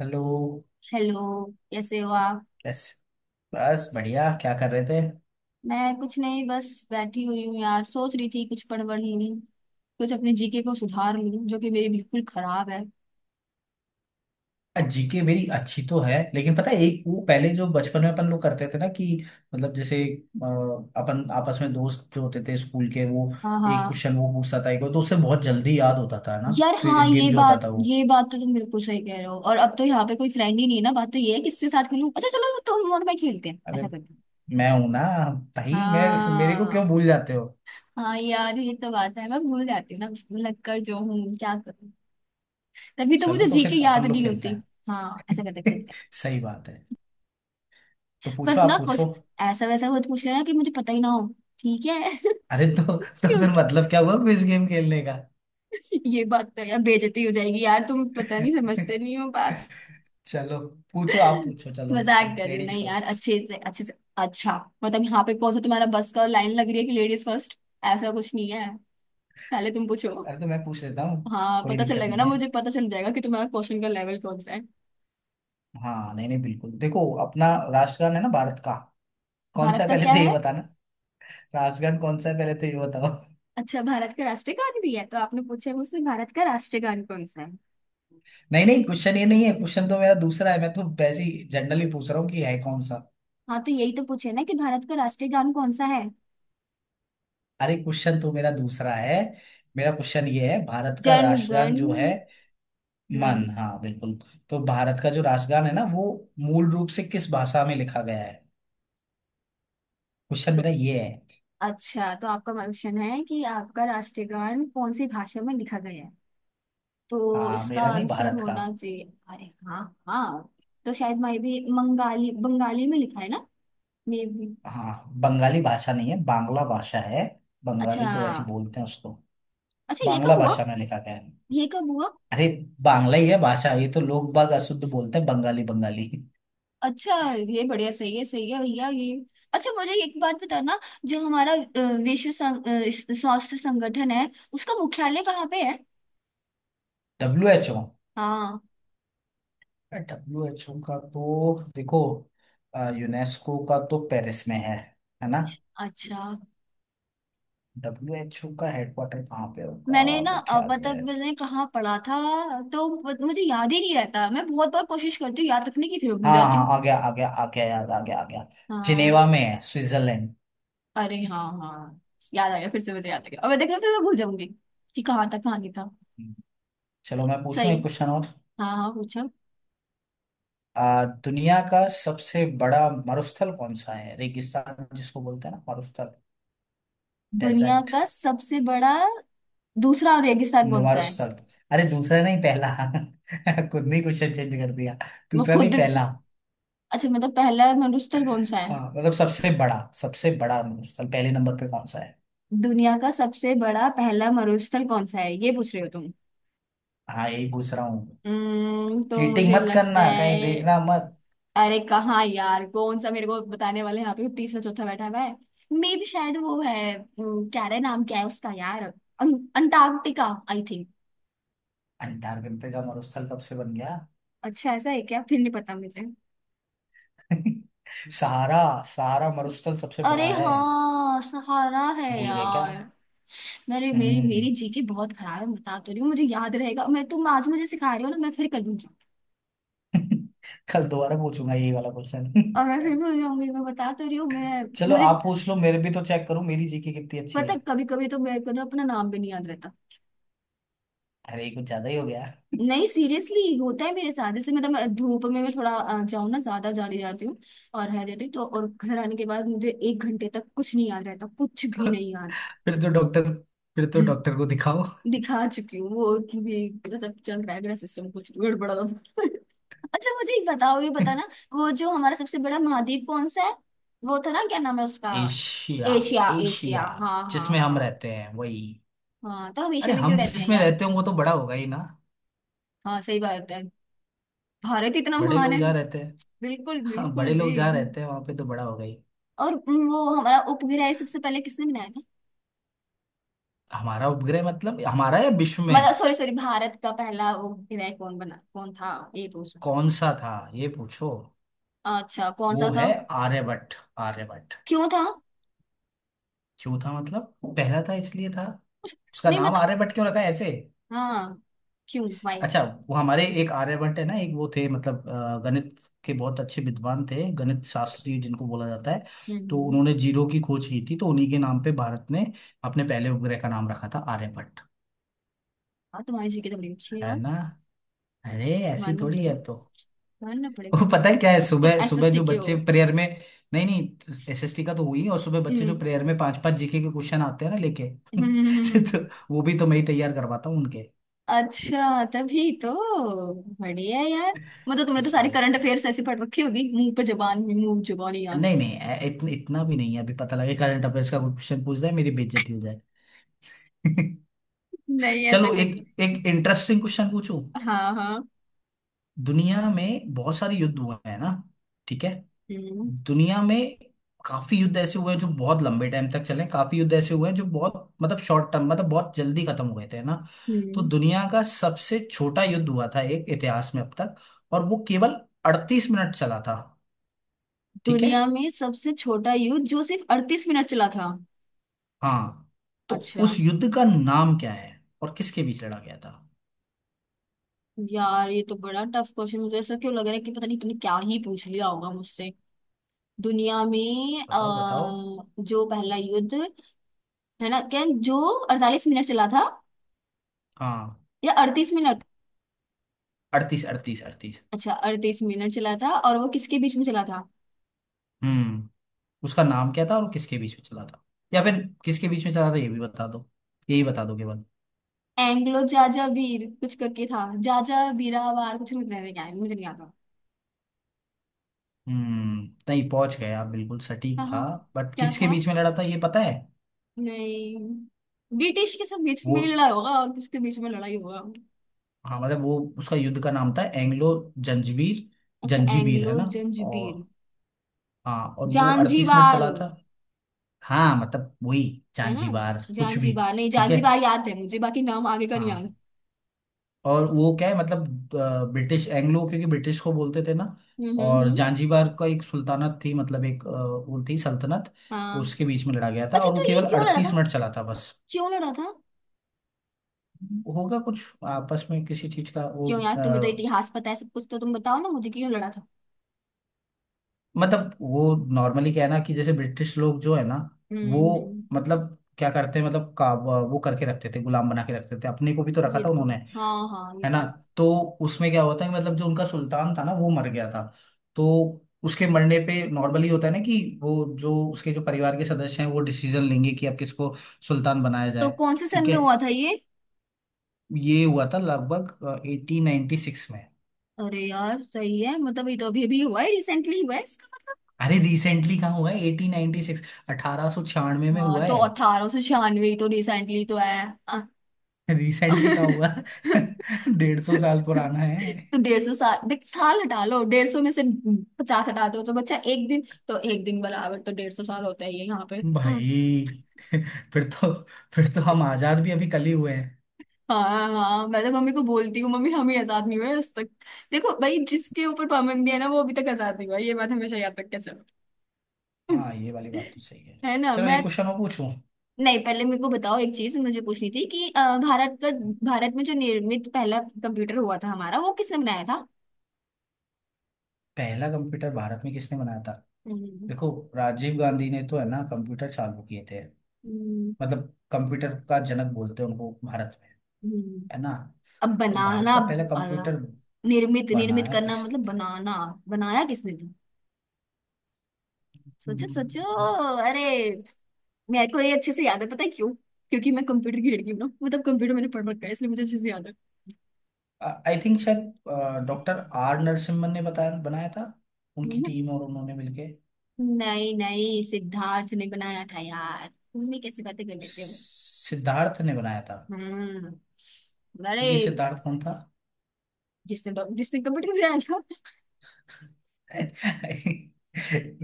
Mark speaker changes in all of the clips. Speaker 1: Hello.
Speaker 2: Hello. कैसे हो आप।
Speaker 1: कैसे। बस बढ़िया, क्या कर रहे थे?
Speaker 2: मैं कुछ नहीं, बस बैठी हुई हूँ यार। सोच रही थी कुछ पढ़ वढ़ लूँ। कुछ अपने जीके को सुधार लूँ, जो कि मेरी बिल्कुल खराब है।
Speaker 1: जीके मेरी अच्छी तो है, लेकिन पता है एक वो पहले जो बचपन में अपन लोग करते थे ना कि मतलब जैसे अपन आपस में दोस्त जो होते थे स्कूल के, वो
Speaker 2: हाँ
Speaker 1: एक
Speaker 2: हाँ।
Speaker 1: क्वेश्चन वो पूछता था एक वो, तो उससे बहुत जल्दी याद होता था ना।
Speaker 2: यार हाँ,
Speaker 1: क्विज गेम
Speaker 2: ये
Speaker 1: जो होता
Speaker 2: बात
Speaker 1: था वो।
Speaker 2: ये बात तो तुम बिल्कुल सही कह रहे हो। और अब तो यहाँ पे कोई फ्रेंड ही नहीं है ना, बात तो ये है किससे साथ खेलूँ। अच्छा चलो, तुम और मैं खेलते हैं।
Speaker 1: अरे
Speaker 2: ऐसा करते हैं।
Speaker 1: मैं हूं ना। भाई मैं। मेरे को क्यों
Speaker 2: हाँ
Speaker 1: भूल जाते हो?
Speaker 2: हाँ। यार ये तो बात है, मैं भूल जाती हूँ ना लग कर जो हूँ, क्या करूँ। तभी तो मुझे
Speaker 1: चलो तो
Speaker 2: जीके
Speaker 1: फिर
Speaker 2: याद
Speaker 1: अपन लोग
Speaker 2: नहीं
Speaker 1: खेलते
Speaker 2: होती।
Speaker 1: हैं।
Speaker 2: हाँ, ऐसा करते हैं, खेलते हैं।
Speaker 1: सही बात है। तो
Speaker 2: पर
Speaker 1: पूछो,
Speaker 2: ना,
Speaker 1: आप पूछो।
Speaker 2: कुछ ऐसा वैसा मत पूछ लेना कि मुझे पता ही ना हो। ठीक है।
Speaker 1: अरे तो फिर
Speaker 2: क्योंकि
Speaker 1: मतलब क्या हुआ क्विज गेम खेलने का?
Speaker 2: ये बात तो यार, बेइज्जती हो जाएगी यार। तुम पता नहीं समझते नहीं हो बात।
Speaker 1: चलो, पूछो, आप पूछो, चलो।
Speaker 2: मजाक कर रही हूँ।
Speaker 1: लेडीज
Speaker 2: नहीं यार,
Speaker 1: फर्स्ट।
Speaker 2: अच्छे से अच्छे से। अच्छा, मतलब यहाँ पे कौन सा तुम्हारा बस का लाइन लग रही है कि लेडीज फर्स्ट। ऐसा कुछ नहीं है, पहले तुम पूछो।
Speaker 1: अरे तो मैं पूछ लेता हूँ।
Speaker 2: हाँ,
Speaker 1: कोई
Speaker 2: पता
Speaker 1: दिक्कत
Speaker 2: चलेगा
Speaker 1: नहीं
Speaker 2: ना,
Speaker 1: है।
Speaker 2: मुझे पता चल जाएगा कि तुम्हारा क्वेश्चन का लेवल कौन सा है।
Speaker 1: हाँ, नहीं नहीं, बिल्कुल देखो, अपना राष्ट्रगान है ना भारत का। कौन सा
Speaker 2: भारत
Speaker 1: है
Speaker 2: का
Speaker 1: पहले
Speaker 2: क्या
Speaker 1: तो ये
Speaker 2: है।
Speaker 1: बताना। राष्ट्रगान कौन सा है पहले तो ये बताओ।
Speaker 2: अच्छा, भारत का राष्ट्रीय गान भी है तो आपने पूछा है मुझसे भारत का राष्ट्रीय गान कौन सा है।
Speaker 1: नहीं नहीं, क्वेश्चन ये नहीं है, क्वेश्चन तो मेरा दूसरा है। मैं तो वैसे ही जनरली पूछ रहा हूँ कि है कौन सा।
Speaker 2: हाँ तो यही तो पूछे ना कि भारत का राष्ट्रीय गान कौन सा है।
Speaker 1: अरे क्वेश्चन तो मेरा दूसरा है। मेरा क्वेश्चन ये है, भारत का राष्ट्रगान
Speaker 2: जनगण
Speaker 1: जो है।
Speaker 2: मन।
Speaker 1: मन, हाँ बिल्कुल। तो भारत का जो राष्ट्रगान है ना वो मूल रूप से किस भाषा में लिखा गया है, क्वेश्चन मेरा ये है।
Speaker 2: अच्छा, तो आपका क्वेश्चन है कि आपका राष्ट्रीय गान कौन सी भाषा में लिखा गया है। तो
Speaker 1: हाँ
Speaker 2: इसका
Speaker 1: मेरा नहीं,
Speaker 2: आंसर
Speaker 1: भारत का।
Speaker 2: होना चाहिए, अरे हाँ। हाँ, तो शायद मैं भी बंगाली बंगाली में लिखा है ना। मे भी।
Speaker 1: हाँ। बंगाली भाषा नहीं है, बांग्ला भाषा है। बंगाली
Speaker 2: अच्छा।
Speaker 1: तो वैसे ही बोलते हैं उसको।
Speaker 2: अच्छा ये
Speaker 1: बांग्ला
Speaker 2: कब हुआ।
Speaker 1: भाषा में लिखा गया है।
Speaker 2: ये कब हुआ।
Speaker 1: अरे बांग्ला ही है भाषा, ये तो लोग बाग अशुद्ध बोलते हैं बंगाली बंगाली।
Speaker 2: अच्छा, ये बढ़िया, सही है भैया ये। अच्छा मुझे एक बात बताना। जो हमारा विश्व स्वास्थ्य संगठन है उसका मुख्यालय कहाँ पे है।
Speaker 1: W H O.
Speaker 2: हाँ।
Speaker 1: डब्ल्यू एच ओ का तो देखो, यूनेस्को का तो पेरिस में है ना?
Speaker 2: अच्छा,
Speaker 1: डब्ल्यू एच ओ का हेडक्वार्टर कहाँ पे होगा,
Speaker 2: मैंने ना मतलब
Speaker 1: मुख्यालय?
Speaker 2: मैंने कहाँ पढ़ा था, तो मुझे याद ही नहीं रहता। मैं बहुत बार कोशिश करती हूँ याद रखने की, फिर मैं भूल
Speaker 1: हाँ
Speaker 2: जाती हूँ।
Speaker 1: हाँ आ गया आ गया आ गया, याद आ गया आ गया।
Speaker 2: हाँ।
Speaker 1: जिनेवा में है, स्विट्जरलैंड।
Speaker 2: अरे हाँ हाँ, याद आ गया। फिर से मुझे याद आ गया, और मैं देख रहा हूँ फिर मैं भूल जाऊंगी कि कहाँ था कहाँ नहीं था।
Speaker 1: चलो मैं पूछूं
Speaker 2: सही।
Speaker 1: एक क्वेश्चन और।
Speaker 2: हाँ हाँ पूछो।
Speaker 1: दुनिया का सबसे बड़ा मरुस्थल कौन सा है, रेगिस्तान जिसको बोलते हैं ना, मरुस्थल।
Speaker 2: दुनिया
Speaker 1: डेजर्ट।
Speaker 2: का सबसे बड़ा दूसरा रेगिस्तान कौन सा है।
Speaker 1: मरुस्थल। अरे दूसरा नहीं पहला। खुद नहीं क्वेश्चन चेंज कर दिया।
Speaker 2: वो
Speaker 1: दूसरा
Speaker 2: खुद।
Speaker 1: नहीं पहला।
Speaker 2: अच्छा, मतलब पहला मरुस्थल कौन सा है।
Speaker 1: हाँ मतलब सबसे बड़ा मरुस्थल पहले नंबर पे कौन सा है?
Speaker 2: दुनिया का सबसे बड़ा पहला मरुस्थल कौन सा है ये पूछ रहे हो तुम।
Speaker 1: हाँ यही पूछ रहा हूँ।
Speaker 2: तो
Speaker 1: चीटिंग
Speaker 2: मुझे
Speaker 1: मत
Speaker 2: लगता
Speaker 1: करना, कहीं
Speaker 2: है।
Speaker 1: देखना मत।
Speaker 2: अरे कहाँ यार, कौन सा मेरे को बताने वाले हैं? यहाँ पे तीसरा चौथा बैठा हुआ है। मे भी शायद वो है, क्या रहे नाम क्या है उसका यार, अंटार्कटिका आई थिंक।
Speaker 1: अंटार्कटिका का मरुस्थल कब से बन गया?
Speaker 2: अच्छा ऐसा है क्या, फिर नहीं पता मुझे।
Speaker 1: सहारा। सहारा मरुस्थल सबसे बड़ा
Speaker 2: अरे
Speaker 1: है।
Speaker 2: हाँ, सहारा है
Speaker 1: भूल गए क्या?
Speaker 2: यार। मेरी मेरी
Speaker 1: हम्म।
Speaker 2: मेरी जीके बहुत खराब है, बता तो रही हूँ। मुझे याद रहेगा, मैं तुम आज मुझे सिखा रही हो ना, मैं फिर कर लूंगी।
Speaker 1: कल दोबारा पूछूंगा यही वाला क्वेश्चन।
Speaker 2: और मैं फिर भूल जाऊंगी, मैं बता तो रही हूँ मैं।
Speaker 1: चलो
Speaker 2: मुझे
Speaker 1: आप पूछ लो, मेरे भी तो चेक करो, मेरी जीके कितनी अच्छी
Speaker 2: पता,
Speaker 1: है।
Speaker 2: कभी कभी तो मेरे को ना अपना नाम भी नहीं याद रहता।
Speaker 1: अरे ये कुछ ज्यादा ही हो गया।
Speaker 2: नहीं सीरियसली होता है मेरे साथ। जैसे मतलब मैं धूप में मैं थोड़ा जाऊँ ना ज्यादा, जाली जाती हूँ और रह जाती हूँ, तो और घर आने के बाद मुझे 1 घंटे तक कुछ नहीं याद रहता, कुछ भी नहीं याद।
Speaker 1: फिर तो डॉक्टर फिर तो डॉक्टर को दिखाओ।
Speaker 2: दिखा चुकी हूँ, वो कि भी मतलब चल रहा है, मेरा सिस्टम कुछ गड़बड़ा रहा है। अच्छा मुझे एक बताओ, ये बताना, वो जो हमारा सबसे बड़ा महाद्वीप कौन सा है, वो था ना, क्या नाम है उसका।
Speaker 1: एशिया।
Speaker 2: एशिया एशिया,
Speaker 1: एशिया
Speaker 2: हाँ हाँ
Speaker 1: जिसमें हम
Speaker 2: हाँ।
Speaker 1: रहते हैं, वही।
Speaker 2: हाँ तो हम
Speaker 1: अरे
Speaker 2: एशिया में क्यों
Speaker 1: हम
Speaker 2: रहते हैं
Speaker 1: जिसमें
Speaker 2: यार।
Speaker 1: रहते हैं वो तो बड़ा होगा ही ना।
Speaker 2: हाँ सही बात है, भारत इतना
Speaker 1: बड़े
Speaker 2: महान
Speaker 1: लोग
Speaker 2: है।
Speaker 1: जहाँ रहते हैं।
Speaker 2: बिल्कुल
Speaker 1: हाँ
Speaker 2: बिल्कुल
Speaker 1: बड़े
Speaker 2: जी।
Speaker 1: लोग जहाँ रहते हैं वहां पे तो बड़ा होगा ही।
Speaker 2: और वो हमारा उपग्रह सबसे पहले किसने बनाया था।
Speaker 1: हमारा उपग्रह मतलब हमारा, या विश्व में?
Speaker 2: मतलब सॉरी सॉरी, भारत का पहला उपग्रह कौन बना कौन था, ये पूछना
Speaker 1: कौन सा था ये पूछो।
Speaker 2: चाह। अच्छा कौन सा
Speaker 1: वो
Speaker 2: था।
Speaker 1: है आर्यभट्ट। आर्यभट्ट।
Speaker 2: क्यों था।
Speaker 1: क्यों था मतलब पहला था इसलिए था। उसका
Speaker 2: नहीं
Speaker 1: नाम
Speaker 2: मतलब,
Speaker 1: आर्यभट्ट क्यों रखा है ऐसे?
Speaker 2: हाँ, क्यों वाई।
Speaker 1: अच्छा वो हमारे एक आर्यभट्ट है ना, एक वो थे मतलब गणित के बहुत अच्छे विद्वान थे, गणित शास्त्री जिनको बोला जाता है। तो
Speaker 2: हम्म।
Speaker 1: उन्होंने जीरो की खोज की थी, तो उन्हीं के नाम पे भारत ने अपने पहले उपग्रह का नाम रखा था आर्यभट्ट।
Speaker 2: हाँ तुम्हारी जीके तो बड़ी अच्छी है
Speaker 1: है
Speaker 2: यार,
Speaker 1: ना? अरे ऐसी
Speaker 2: मानना
Speaker 1: थोड़ी
Speaker 2: पड़ेगा
Speaker 1: है तो।
Speaker 2: मानना पड़ेगा।
Speaker 1: वो पता है क्या है,
Speaker 2: तुम
Speaker 1: सुबह सुबह
Speaker 2: एसएसटी
Speaker 1: जो
Speaker 2: के हो।
Speaker 1: बच्चे प्रेयर में, नहीं नहीं एसएसटी का तो हुई, और सुबह बच्चे जो
Speaker 2: हम्म।
Speaker 1: प्रेयर में पांच पांच जीके के क्वेश्चन आते हैं ना लेके।
Speaker 2: हम्म।
Speaker 1: तो वो भी तो मैं ही तैयार करवाता हूँ उनके।
Speaker 2: अच्छा तभी तो, बढ़िया यार। मतलब तुमने तो सारे
Speaker 1: इसलिए
Speaker 2: करंट
Speaker 1: इसलिए।
Speaker 2: अफेयर्स ऐसे पढ़ रखी होगी, मुंह पे जबान में मुंह जुबानी याद।
Speaker 1: नहीं नहीं, इतना भी नहीं है, अभी पता लगे करंट अफेयर्स का कोई क्वेश्चन पूछ जाए, मेरी बेइज्जती हो जाए।
Speaker 2: नहीं ऐसा
Speaker 1: चलो
Speaker 2: कुछ
Speaker 1: एक
Speaker 2: नहीं।
Speaker 1: एक इंटरेस्टिंग क्वेश्चन पूछूं।
Speaker 2: हाँ हाँ।
Speaker 1: दुनिया में बहुत सारे युद्ध हुए हैं ना। ठीक है।
Speaker 2: हम्म।
Speaker 1: दुनिया में काफी युद्ध ऐसे हुए हैं जो बहुत लंबे टाइम तक चले, काफी युद्ध ऐसे हुए हैं जो बहुत मतलब शॉर्ट टर्म मतलब बहुत जल्दी खत्म हुए थे ना। तो
Speaker 2: हम्म।
Speaker 1: दुनिया का सबसे छोटा युद्ध हुआ था एक इतिहास में अब तक, और वो केवल 38 मिनट चला था। ठीक है।
Speaker 2: दुनिया में सबसे छोटा युद्ध जो सिर्फ 38 मिनट चला था।
Speaker 1: हाँ तो
Speaker 2: अच्छा,
Speaker 1: उस युद्ध का नाम क्या है और किसके बीच लड़ा गया था?
Speaker 2: यार ये तो बड़ा टफ क्वेश्चन, मुझे ऐसा क्यों लग रहा है कि पता नहीं तूने क्या ही पूछ लिया होगा मुझसे। दुनिया में
Speaker 1: बताओ बताओ।
Speaker 2: जो पहला युद्ध है ना, क्या जो 48 मिनट चला था
Speaker 1: हाँ
Speaker 2: या 38 मिनट।
Speaker 1: अड़तीस अड़तीस अड़तीस।
Speaker 2: अच्छा 38 मिनट चला था, और वो किसके बीच में चला था।
Speaker 1: हम्म। उसका नाम क्या था और किसके बीच में चला था? या फिर किसके बीच में चला था ये भी बता दो, यही बता दो केवल।
Speaker 2: एंग्लो जाजा वीर कुछ करके था, जाजा बीरावार कुछ नहीं, क्या है, मुझे नहीं आता।
Speaker 1: हम्म नहीं, पहुंच गए आप, बिल्कुल सटीक था।
Speaker 2: कहाँ।
Speaker 1: बट
Speaker 2: क्या
Speaker 1: किसके
Speaker 2: था।
Speaker 1: बीच में लड़ा था ये पता है?
Speaker 2: नहीं, ब्रिटिश के सब बीच
Speaker 1: वो,
Speaker 2: में लड़ा होगा और किसके बीच में लड़ाई होगा।
Speaker 1: हाँ मतलब वो उसका युद्ध का नाम था एंग्लो जंजीबीर।
Speaker 2: अच्छा
Speaker 1: जंजीबीर है
Speaker 2: एंग्लो
Speaker 1: ना।
Speaker 2: जंजीबीर।
Speaker 1: और, हाँ, और वो 38 मिनट
Speaker 2: जांजीबार
Speaker 1: चला था। हाँ मतलब वही।
Speaker 2: है ना।
Speaker 1: जांजीबार कुछ भी।
Speaker 2: जांजीबार नहीं,
Speaker 1: ठीक है।
Speaker 2: जांजीबार याद है मुझे, बाकी नाम आगे का नहीं याद।
Speaker 1: हाँ और वो क्या है मतलब ब्रिटिश एंग्लो, क्योंकि ब्रिटिश को बोलते थे ना। और
Speaker 2: हम्म।
Speaker 1: जानजीबार का एक सुल्तानत थी, मतलब एक वो थी सल्तनत।
Speaker 2: हाँ।
Speaker 1: उसके बीच में लड़ा गया था
Speaker 2: अच्छा
Speaker 1: और वो
Speaker 2: तो ये
Speaker 1: केवल
Speaker 2: क्यों लड़ा था।
Speaker 1: अड़तीस मिनट चला था बस।
Speaker 2: क्यों लड़ा था।
Speaker 1: होगा कुछ आपस में किसी चीज का वो।
Speaker 2: क्यों यार तुम्हें तो
Speaker 1: अ,
Speaker 2: इतिहास पता है सब कुछ, तो तुम बताओ ना मुझे क्यों लड़ा था।
Speaker 1: मतलब वो नॉर्मली क्या है ना, कि जैसे ब्रिटिश लोग जो है ना।
Speaker 2: हम्म।
Speaker 1: वो
Speaker 2: हम्म,
Speaker 1: मतलब क्या करते हैं मतलब का वो, करके रखते थे, गुलाम बना के रखते थे, अपने को भी तो रखा
Speaker 2: ये
Speaker 1: था
Speaker 2: तो,
Speaker 1: उन्होंने।
Speaker 2: हाँ हाँ ये
Speaker 1: है ना।
Speaker 2: तो।
Speaker 1: तो उसमें क्या हुआ था कि मतलब जो उनका सुल्तान था ना वो मर गया था। तो उसके मरने पे नॉर्मली होता है ना कि वो जो उसके जो परिवार के सदस्य हैं वो डिसीजन लेंगे कि अब किसको सुल्तान बनाया
Speaker 2: तो
Speaker 1: जाए।
Speaker 2: कौन से सन
Speaker 1: ठीक है।
Speaker 2: में हुआ था ये।
Speaker 1: ये हुआ था लगभग 1896 में।
Speaker 2: अरे यार सही है, मतलब ये तो अभी अभी हुआ है, रिसेंटली हुआ है इसका मतलब।
Speaker 1: अरे रिसेंटली कहाँ हुआ है? 1896, 1896 में
Speaker 2: हाँ
Speaker 1: हुआ
Speaker 2: तो
Speaker 1: है।
Speaker 2: 1896 तो रिसेंटली तो है। अ-
Speaker 1: रिसेंटली कहाँ हुआ? 150 साल पुराना है।
Speaker 2: तो 150 साल, देख साल हटा लो 150 में से 50 हटा दो, तो बच्चा एक दिन, तो एक दिन बराबर तो 150 साल होता ही है यहाँ पे। हम्म।
Speaker 1: भाई। फिर तो फिर तो हम आजाद भी अभी कल ही हुए हैं।
Speaker 2: हाँ हाँ, मैं तो मम्मी को बोलती हूँ, मम्मी हम ही आजाद नहीं हुए आज तक। देखो भाई, जिसके ऊपर पाबंदी है ना वो अभी तक आजाद नहीं हुआ, ये बात हमेशा याद रख के चलो।
Speaker 1: हाँ ये वाली बात तो सही है।
Speaker 2: है ना
Speaker 1: चलो एक
Speaker 2: मैं।
Speaker 1: क्वेश्चन मैं पूछूं।
Speaker 2: नहीं पहले मेरे को बताओ, एक चीज मुझे पूछनी थी कि भारत का, भारत में जो निर्मित पहला कंप्यूटर हुआ था हमारा, वो किसने बनाया था।
Speaker 1: पहला कंप्यूटर भारत में किसने बनाया था?
Speaker 2: हम्म,
Speaker 1: देखो, राजीव गांधी ने तो है ना कंप्यूटर चालू किए थे।
Speaker 2: हम्म,
Speaker 1: मतलब कंप्यूटर का जनक बोलते हैं उनको भारत में।
Speaker 2: हम्म।
Speaker 1: है ना?
Speaker 2: अब
Speaker 1: और भारत
Speaker 2: बनाना
Speaker 1: का पहला
Speaker 2: वाला,
Speaker 1: कंप्यूटर
Speaker 2: निर्मित, निर्मित
Speaker 1: बनाया
Speaker 2: करना मतलब
Speaker 1: किसने था?
Speaker 2: बनाना, बनाया किसने था। सोचो सोचो
Speaker 1: हम्म,
Speaker 2: अरे, मेरे को ये अच्छे से याद है, पता है क्यों, क्योंकि मैं कंप्यूटर की लड़की हूँ ना, मतलब कंप्यूटर मैंने पढ़ रखा है इसलिए मुझे अच्छे से याद है।
Speaker 1: आई थिंक शायद डॉक्टर आर नरसिम्हन ने बताया बनाया था, उनकी
Speaker 2: हम्म,
Speaker 1: टीम और उन्होंने मिलके।
Speaker 2: नहीं नहीं सिद्धार्थ ने बनाया था यार, तुम भी कैसी बातें कर लेते हो।
Speaker 1: सिद्धार्थ ने बनाया था?
Speaker 2: हम्म, अरे
Speaker 1: ये सिद्धार्थ कौन था?
Speaker 2: जिसने कंप्यूटर बनाया था।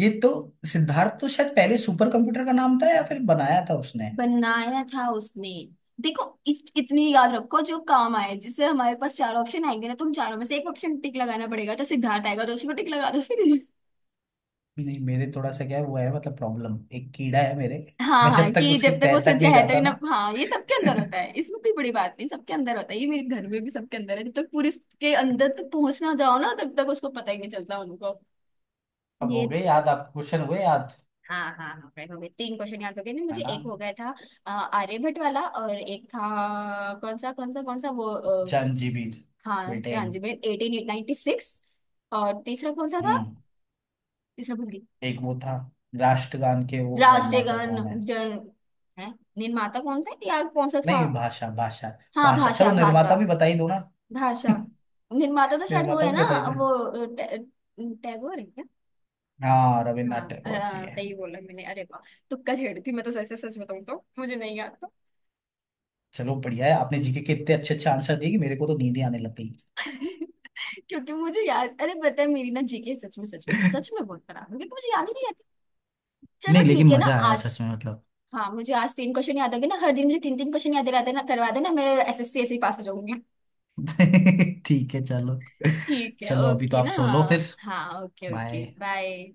Speaker 1: ये तो, सिद्धार्थ तो शायद पहले सुपर कंप्यूटर का नाम था या फिर बनाया था उसने।
Speaker 2: बनाया था उसने। देखो इस इतनी याद रखो जो काम आए, जिससे हमारे पास चार ऑप्शन आएंगे ना, तो हम चारों में से एक ऑप्शन टिक लगाना पड़ेगा, तो सिद्धार्थ आएगा तो उसी को टिक लगा दो।
Speaker 1: नहीं मेरे थोड़ा सा क्या है वो है, मतलब प्रॉब्लम एक कीड़ा है मेरे।
Speaker 2: हाँ
Speaker 1: मैं
Speaker 2: हाँ,
Speaker 1: जब तक
Speaker 2: कि
Speaker 1: उसके
Speaker 2: जब तक वो
Speaker 1: तह तक
Speaker 2: सच्चा
Speaker 1: नहीं
Speaker 2: है तक
Speaker 1: जाता
Speaker 2: ना।
Speaker 1: ना।
Speaker 2: हाँ ये सबके अंदर होता है, इसमें कोई बड़ी बात नहीं, सबके अंदर होता है, ये मेरे घर में भी सबके अंदर है, जब तक पूरे के अंदर तक पहुंच ना जाओ ना तब तक उसको पता ही नहीं चलता उनको।
Speaker 1: अब
Speaker 2: ये
Speaker 1: हो गए याद आप? क्वेश्चन हुए याद?
Speaker 2: हाँ हाँ हाँ right, हो गए, तीन क्वेश्चन याद हो गए ना,
Speaker 1: है
Speaker 2: मुझे
Speaker 1: ना?
Speaker 2: एक हो गया था आर्यभट्ट वाला, और एक था कौन सा, कौन सा कौन सा वो
Speaker 1: जंजीबीर,
Speaker 2: हाँ
Speaker 1: ब्रिटेन।
Speaker 2: जांजमेर 1896। और तीसरा कौन सा था।
Speaker 1: हम्म
Speaker 2: तीसरा भूल गई।
Speaker 1: एक वो था, राष्ट्रगान के वो
Speaker 2: राष्ट्रीय
Speaker 1: निर्माता
Speaker 2: गान,
Speaker 1: कौन है।
Speaker 2: जन है, निर्माता कौन था या कौन सा था।
Speaker 1: नहीं भाषा, भाषा।
Speaker 2: हाँ
Speaker 1: भाषा, चलो
Speaker 2: भाषा भाषा।
Speaker 1: निर्माता भी बता ही दो ना।
Speaker 2: भाषा, निर्माता तो शायद वो
Speaker 1: निर्माता
Speaker 2: है ना,
Speaker 1: भी बता ही दो।
Speaker 2: वो टैगोर है क्या।
Speaker 1: हाँ रविन्द्रनाथ
Speaker 2: हाँ
Speaker 1: टैगोर जी है।
Speaker 2: सही बोला मैंने, अरे वाह। तुक्का छेड़ी थी मैं तो, सच सच बताऊं तो मुझे नहीं याद।
Speaker 1: चलो बढ़िया है, आपने जीके के इतने अच्छे अच्छे आंसर दिए कि मेरे को तो नींद ही आने लग गई।
Speaker 2: क्योंकि मुझे याद, अरे पता है, मेरी ना जीके सच में सच में सच में बहुत खराब है, क्योंकि मुझे याद ही नहीं रहती। चलो
Speaker 1: नहीं
Speaker 2: ठीक
Speaker 1: लेकिन
Speaker 2: है ना।
Speaker 1: मजा आया
Speaker 2: आज,
Speaker 1: सच में, मतलब।
Speaker 2: हाँ मुझे आज तीन क्वेश्चन याद आ गए ना, हर दिन मुझे तीन तीन क्वेश्चन याद रहते ना करवा देना, मेरे एसएससी ऐसे ही पास हो जाऊंगी।
Speaker 1: ठीक है चलो।
Speaker 2: ठीक है,
Speaker 1: चलो अभी तो
Speaker 2: ओके
Speaker 1: आप
Speaker 2: ना।
Speaker 1: सो लो फिर,
Speaker 2: हाँ ओके ओके
Speaker 1: बाय।
Speaker 2: बाय।